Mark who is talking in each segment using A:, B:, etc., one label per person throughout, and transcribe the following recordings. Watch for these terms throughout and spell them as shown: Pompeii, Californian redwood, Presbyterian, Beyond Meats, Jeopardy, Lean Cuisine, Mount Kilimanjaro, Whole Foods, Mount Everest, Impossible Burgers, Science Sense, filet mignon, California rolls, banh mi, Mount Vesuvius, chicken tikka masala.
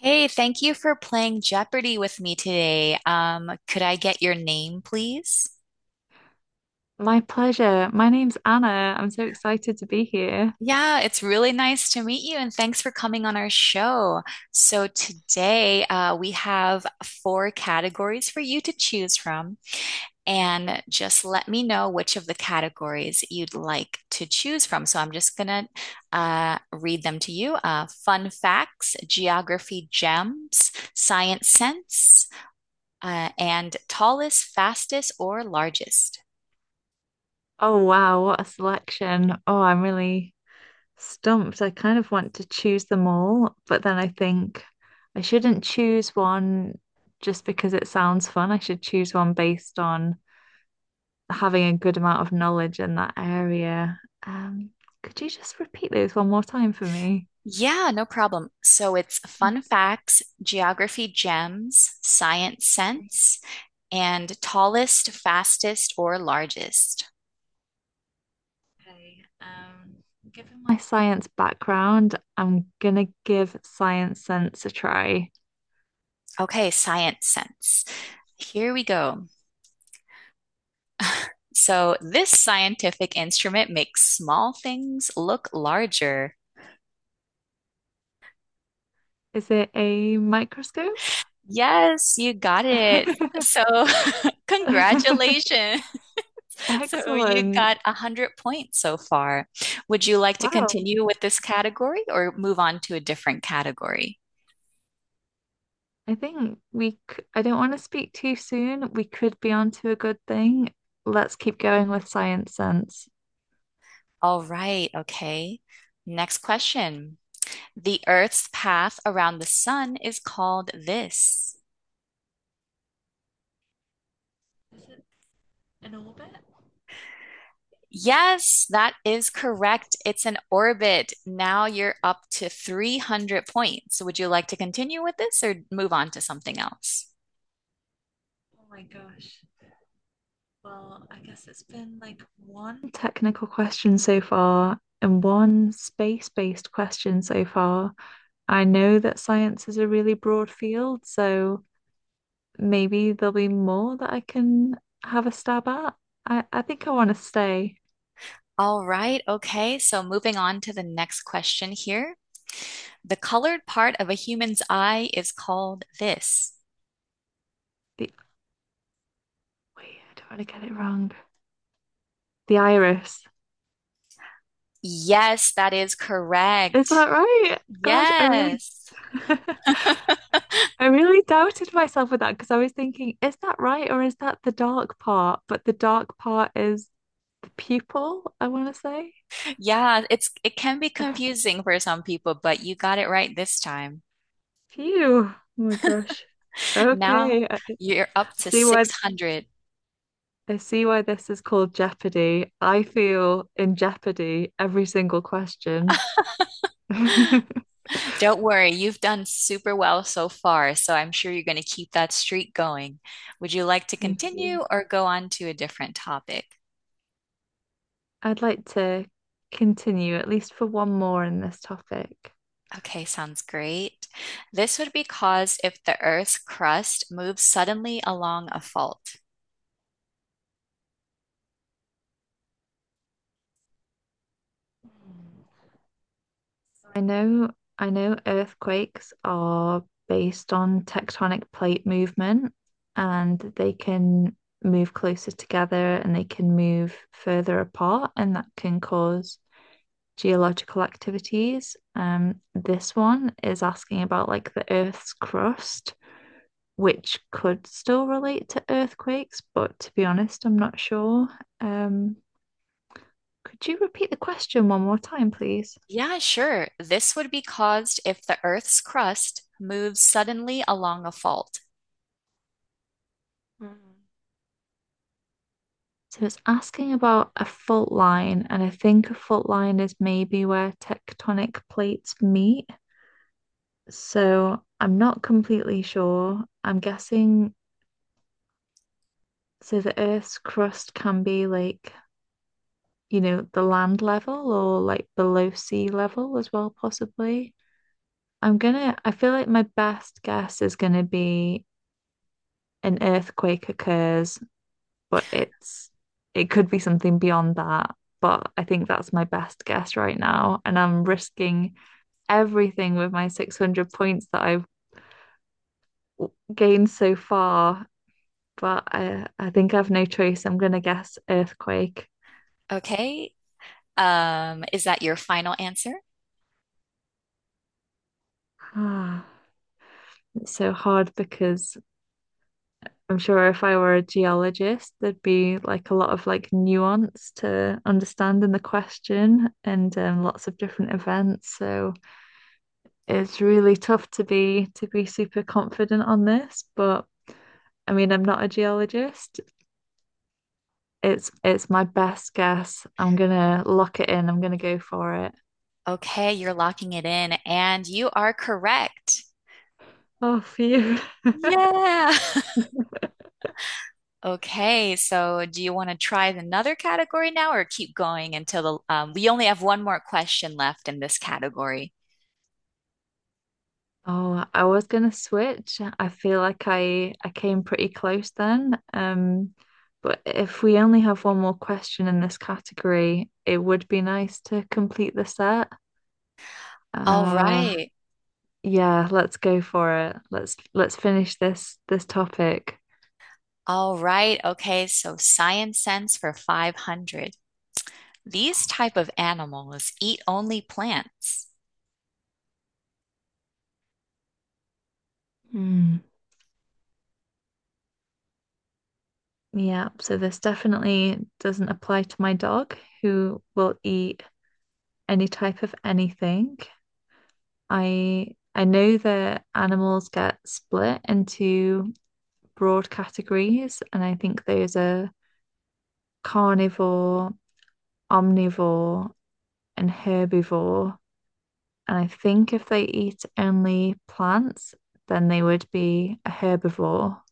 A: Hey, thank you for playing Jeopardy with me today. Could I get your name, please?
B: My pleasure. My name's Anna. I'm so excited to be here.
A: Yeah, it's really nice to meet you, and thanks for coming on our show. So, today we have four categories for you to choose from, and just let me know which of the categories you'd like to choose from. So, I'm just gonna read them to you. Fun facts, geography gems, science sense. And tallest, fastest, or largest?
B: Oh, wow, what a selection. Oh, I'm really stumped. I kind of want to choose them all, but then I think I shouldn't choose one just because it sounds fun. I should choose one based on having a good amount of knowledge in that area. Um, could you just repeat those one more time for me?
A: Yeah, no problem. So it's
B: Thank
A: fun facts, geography gems, science
B: you.
A: sense, and tallest, fastest, or largest.
B: Okay. Given my science background, I'm gonna give Science Sense a try.
A: Okay, science sense. Here we go. So this scientific instrument makes small things look larger.
B: Is it a microscope?
A: Yes, you got it. So congratulations. So you
B: Excellent.
A: got 100 points so far. Would you like to
B: Wow.
A: continue with this category or move on to a different category?
B: I think I don't want to speak too soon. We could be on to a good thing. Let's keep going with Science Sense.
A: All right, okay. Next question. The Earth's path around the sun is called this.
B: Is it In orbit?
A: Yes, that is correct. It's an orbit. Now you're up to 300 points. Would you like to continue with this or move on to something else?
B: Oh my gosh. Well, I guess it's been like one technical question so far and one space-based question so far. I know that science is a really broad field, so maybe there'll be more that I can have a stab at. I think I want to stay
A: All right, okay. So moving on to the next question here. The colored part of a human's eye is called this.
B: the Wait, I don't want to get it wrong. The iris.
A: Yes, that is
B: Is
A: correct.
B: that right? Gosh, I really
A: Yes.
B: I really doubted myself with that because I was thinking, is that right or is that the dark part? But the dark part is the pupil, I want to say.
A: Yeah, it can be confusing for some people, but you got it right this time.
B: Phew. Oh my gosh.
A: Now
B: Okay.
A: you're up
B: I
A: to
B: see why
A: 600.
B: I see why this is called Jeopardy. I feel in jeopardy every single question. Thank
A: Don't worry, you've done super well so far, so I'm sure you're going to keep that streak going. Would you like to
B: you.
A: continue or go on to a different topic?
B: I'd like to continue at least for one more in this topic.
A: Okay, sounds great. This would be caused if the Earth's crust moves suddenly along a fault.
B: I know, I know earthquakes are based on tectonic plate movement, and they can move closer together and they can move further apart, and that can cause geological activities. This one is asking about like the Earth's crust, which could still relate to earthquakes, but to be honest, I'm not sure. Um, could you repeat the question one more time, please?
A: Yeah, sure. This would be caused if the Earth's crust moves suddenly along a fault.
B: Mhm. So it's asking about a fault line, and I think a fault line is maybe where tectonic plates meet. So I'm not completely sure. I'm guessing so the Earth's crust can be like, you know, the land level or like below sea level as well, possibly. I feel like my best guess is gonna be an earthquake occurs, but it could be something beyond that. But I think that's my best guess right now. And I'm risking everything with my 600 points that I've gained so far. But I think I have no choice. I'm going to guess earthquake.
A: Okay. Is that your final answer?
B: It's so hard because I'm sure if I were a geologist, there'd be like a lot of like nuance to understand in the question, and lots of different events. So it's really tough to be super confident on this, but I mean, I'm not a geologist. It's my best guess. I'm gonna lock it in. I'm gonna go for it.
A: Okay, you're locking it in, and you are correct.
B: Oh, phew.
A: Yeah. Okay, so do you want to try another category now or keep going until we only have one more question left in this category?
B: Oh, I was gonna switch. I feel like I came pretty close then. But if we only have one more question in this category, it would be nice to complete the set.
A: All
B: Uh,
A: right.
B: yeah, let's go for it. Let's finish this topic.
A: All right. Okay. So science sense for 500. These type of animals eat only plants.
B: Hmm. Yeah, so this definitely doesn't apply to my dog who will eat any type of anything. I know that animals get split into broad categories, and I think those are carnivore, omnivore, and herbivore. And I think if they eat only plants, then they would be a herbivore.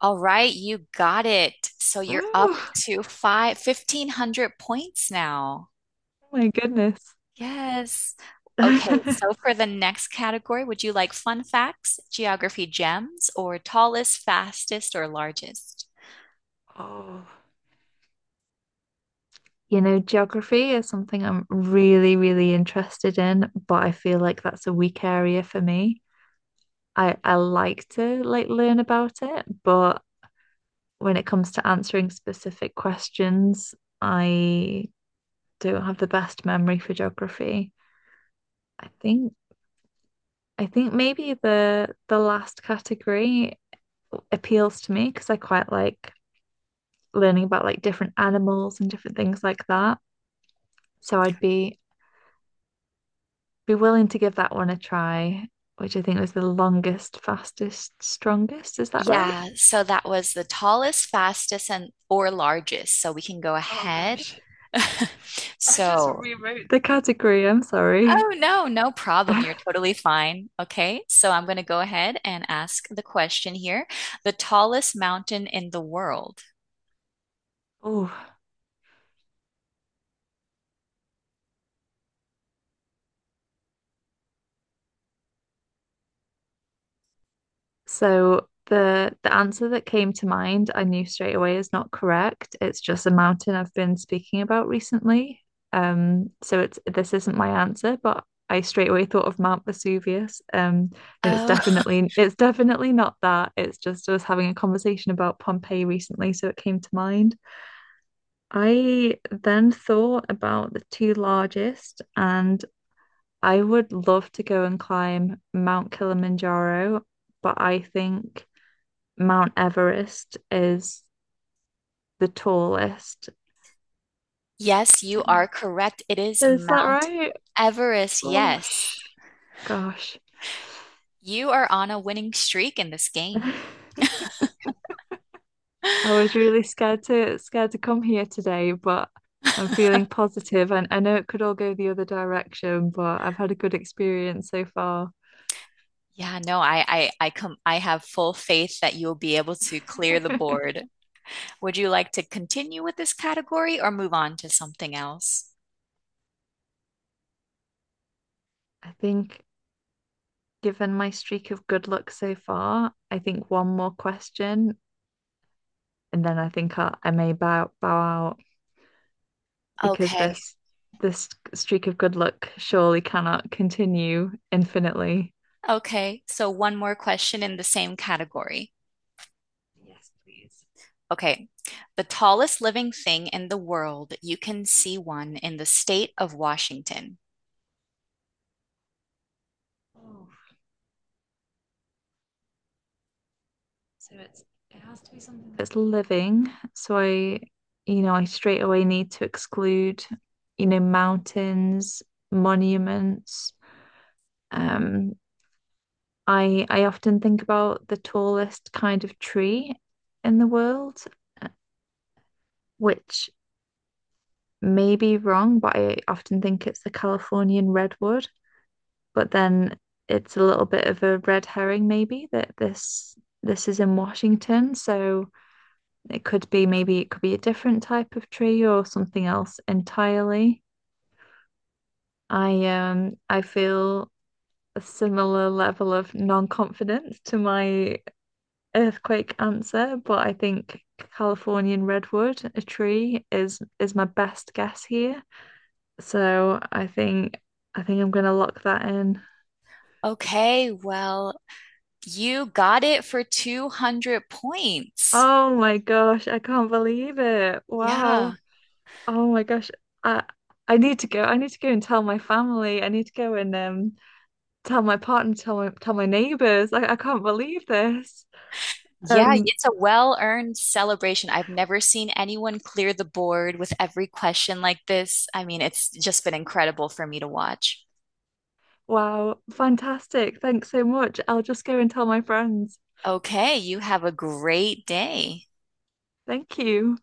A: All right. You got it. So
B: Ooh,
A: you're up
B: oh
A: to five fifteen hundred points now.
B: my goodness.
A: Yes. Okay. So for the next category, would you like fun facts, geography gems, or tallest, fastest, or largest?
B: Oh. You know, geography is something I'm really, really interested in, but I feel like that's a weak area for me. I like to like learn about it, but when it comes to answering specific questions, I don't have the best memory for geography. I think I think maybe the last category appeals to me because I quite like learning about like different animals and different things like that. So I'd be willing to give that one a try, which I think was the longest, fastest, strongest. Is that right?
A: Yeah. So that was the tallest, fastest, and or largest. So we can go
B: Oh
A: ahead.
B: gosh. I just
A: So
B: rewrote the category, I'm sorry.
A: Oh, no, no problem. You're totally fine. Okay, so I'm going to go ahead and ask the question here. The tallest mountain in the world.
B: oh, So the answer that came to mind, I knew straight away is not correct. It's just a mountain I've been speaking about recently. So it's This isn't my answer, but I straight away thought of Mount Vesuvius. And
A: Oh,
B: it's definitely not that. It's just I was having a conversation about Pompeii recently, so it came to mind. I then thought about the two largest, and I would love to go and climb Mount Kilimanjaro, but I think Mount Everest is the tallest.
A: yes, you are correct. It is
B: Is that
A: Mount
B: right?
A: Everest.
B: Oh,
A: Yes,
B: gosh.
A: you are on a winning streak in this game.
B: I was really scared to come here today, but I'm feeling positive and I know it could all go the other direction, but I've had a good experience so far.
A: Yeah, no, I have full faith that you'll be able to clear the
B: I
A: board. Would you like to continue with this category or move on to something else?
B: think given my streak of good luck so far, I think one more question and then I think I may bow out, because
A: Okay.
B: this streak of good luck surely cannot continue infinitely.
A: Okay, so one more question in the same category.
B: Yes, please.
A: Okay, the tallest living thing in the world, you can see one in the state of Washington.
B: Oh, so it has to be something that's living, so I, you know, I straight away need to exclude, you know, mountains, monuments. Um, I often think about the tallest kind of tree in the world, uh, which may be wrong, but I often think it's the Californian redwood. But then it's a little bit of a red herring, maybe, that this is in Washington. So it could be maybe it could be a different type of tree or something else entirely. I feel a similar level of non-confidence to my earthquake answer, but I think Californian redwood, a tree, is my best guess here. So I think I'm gonna lock that in.
A: Okay, well, you got it for 200 points.
B: Oh my gosh, I can't believe it.
A: Yeah.
B: Wow. Oh my gosh. I I need to go. I need to go and tell my family. I need to go and tell my partner, tell my neighbors. I can't believe this.
A: Yeah,
B: Um
A: it's a well-earned celebration. I've never seen anyone clear the board with every question like this. I mean, it's just been incredible for me to watch.
B: wow, fantastic. Thanks so much. I'll just go and tell my friends.
A: Okay, you have a great day.
B: Thank you.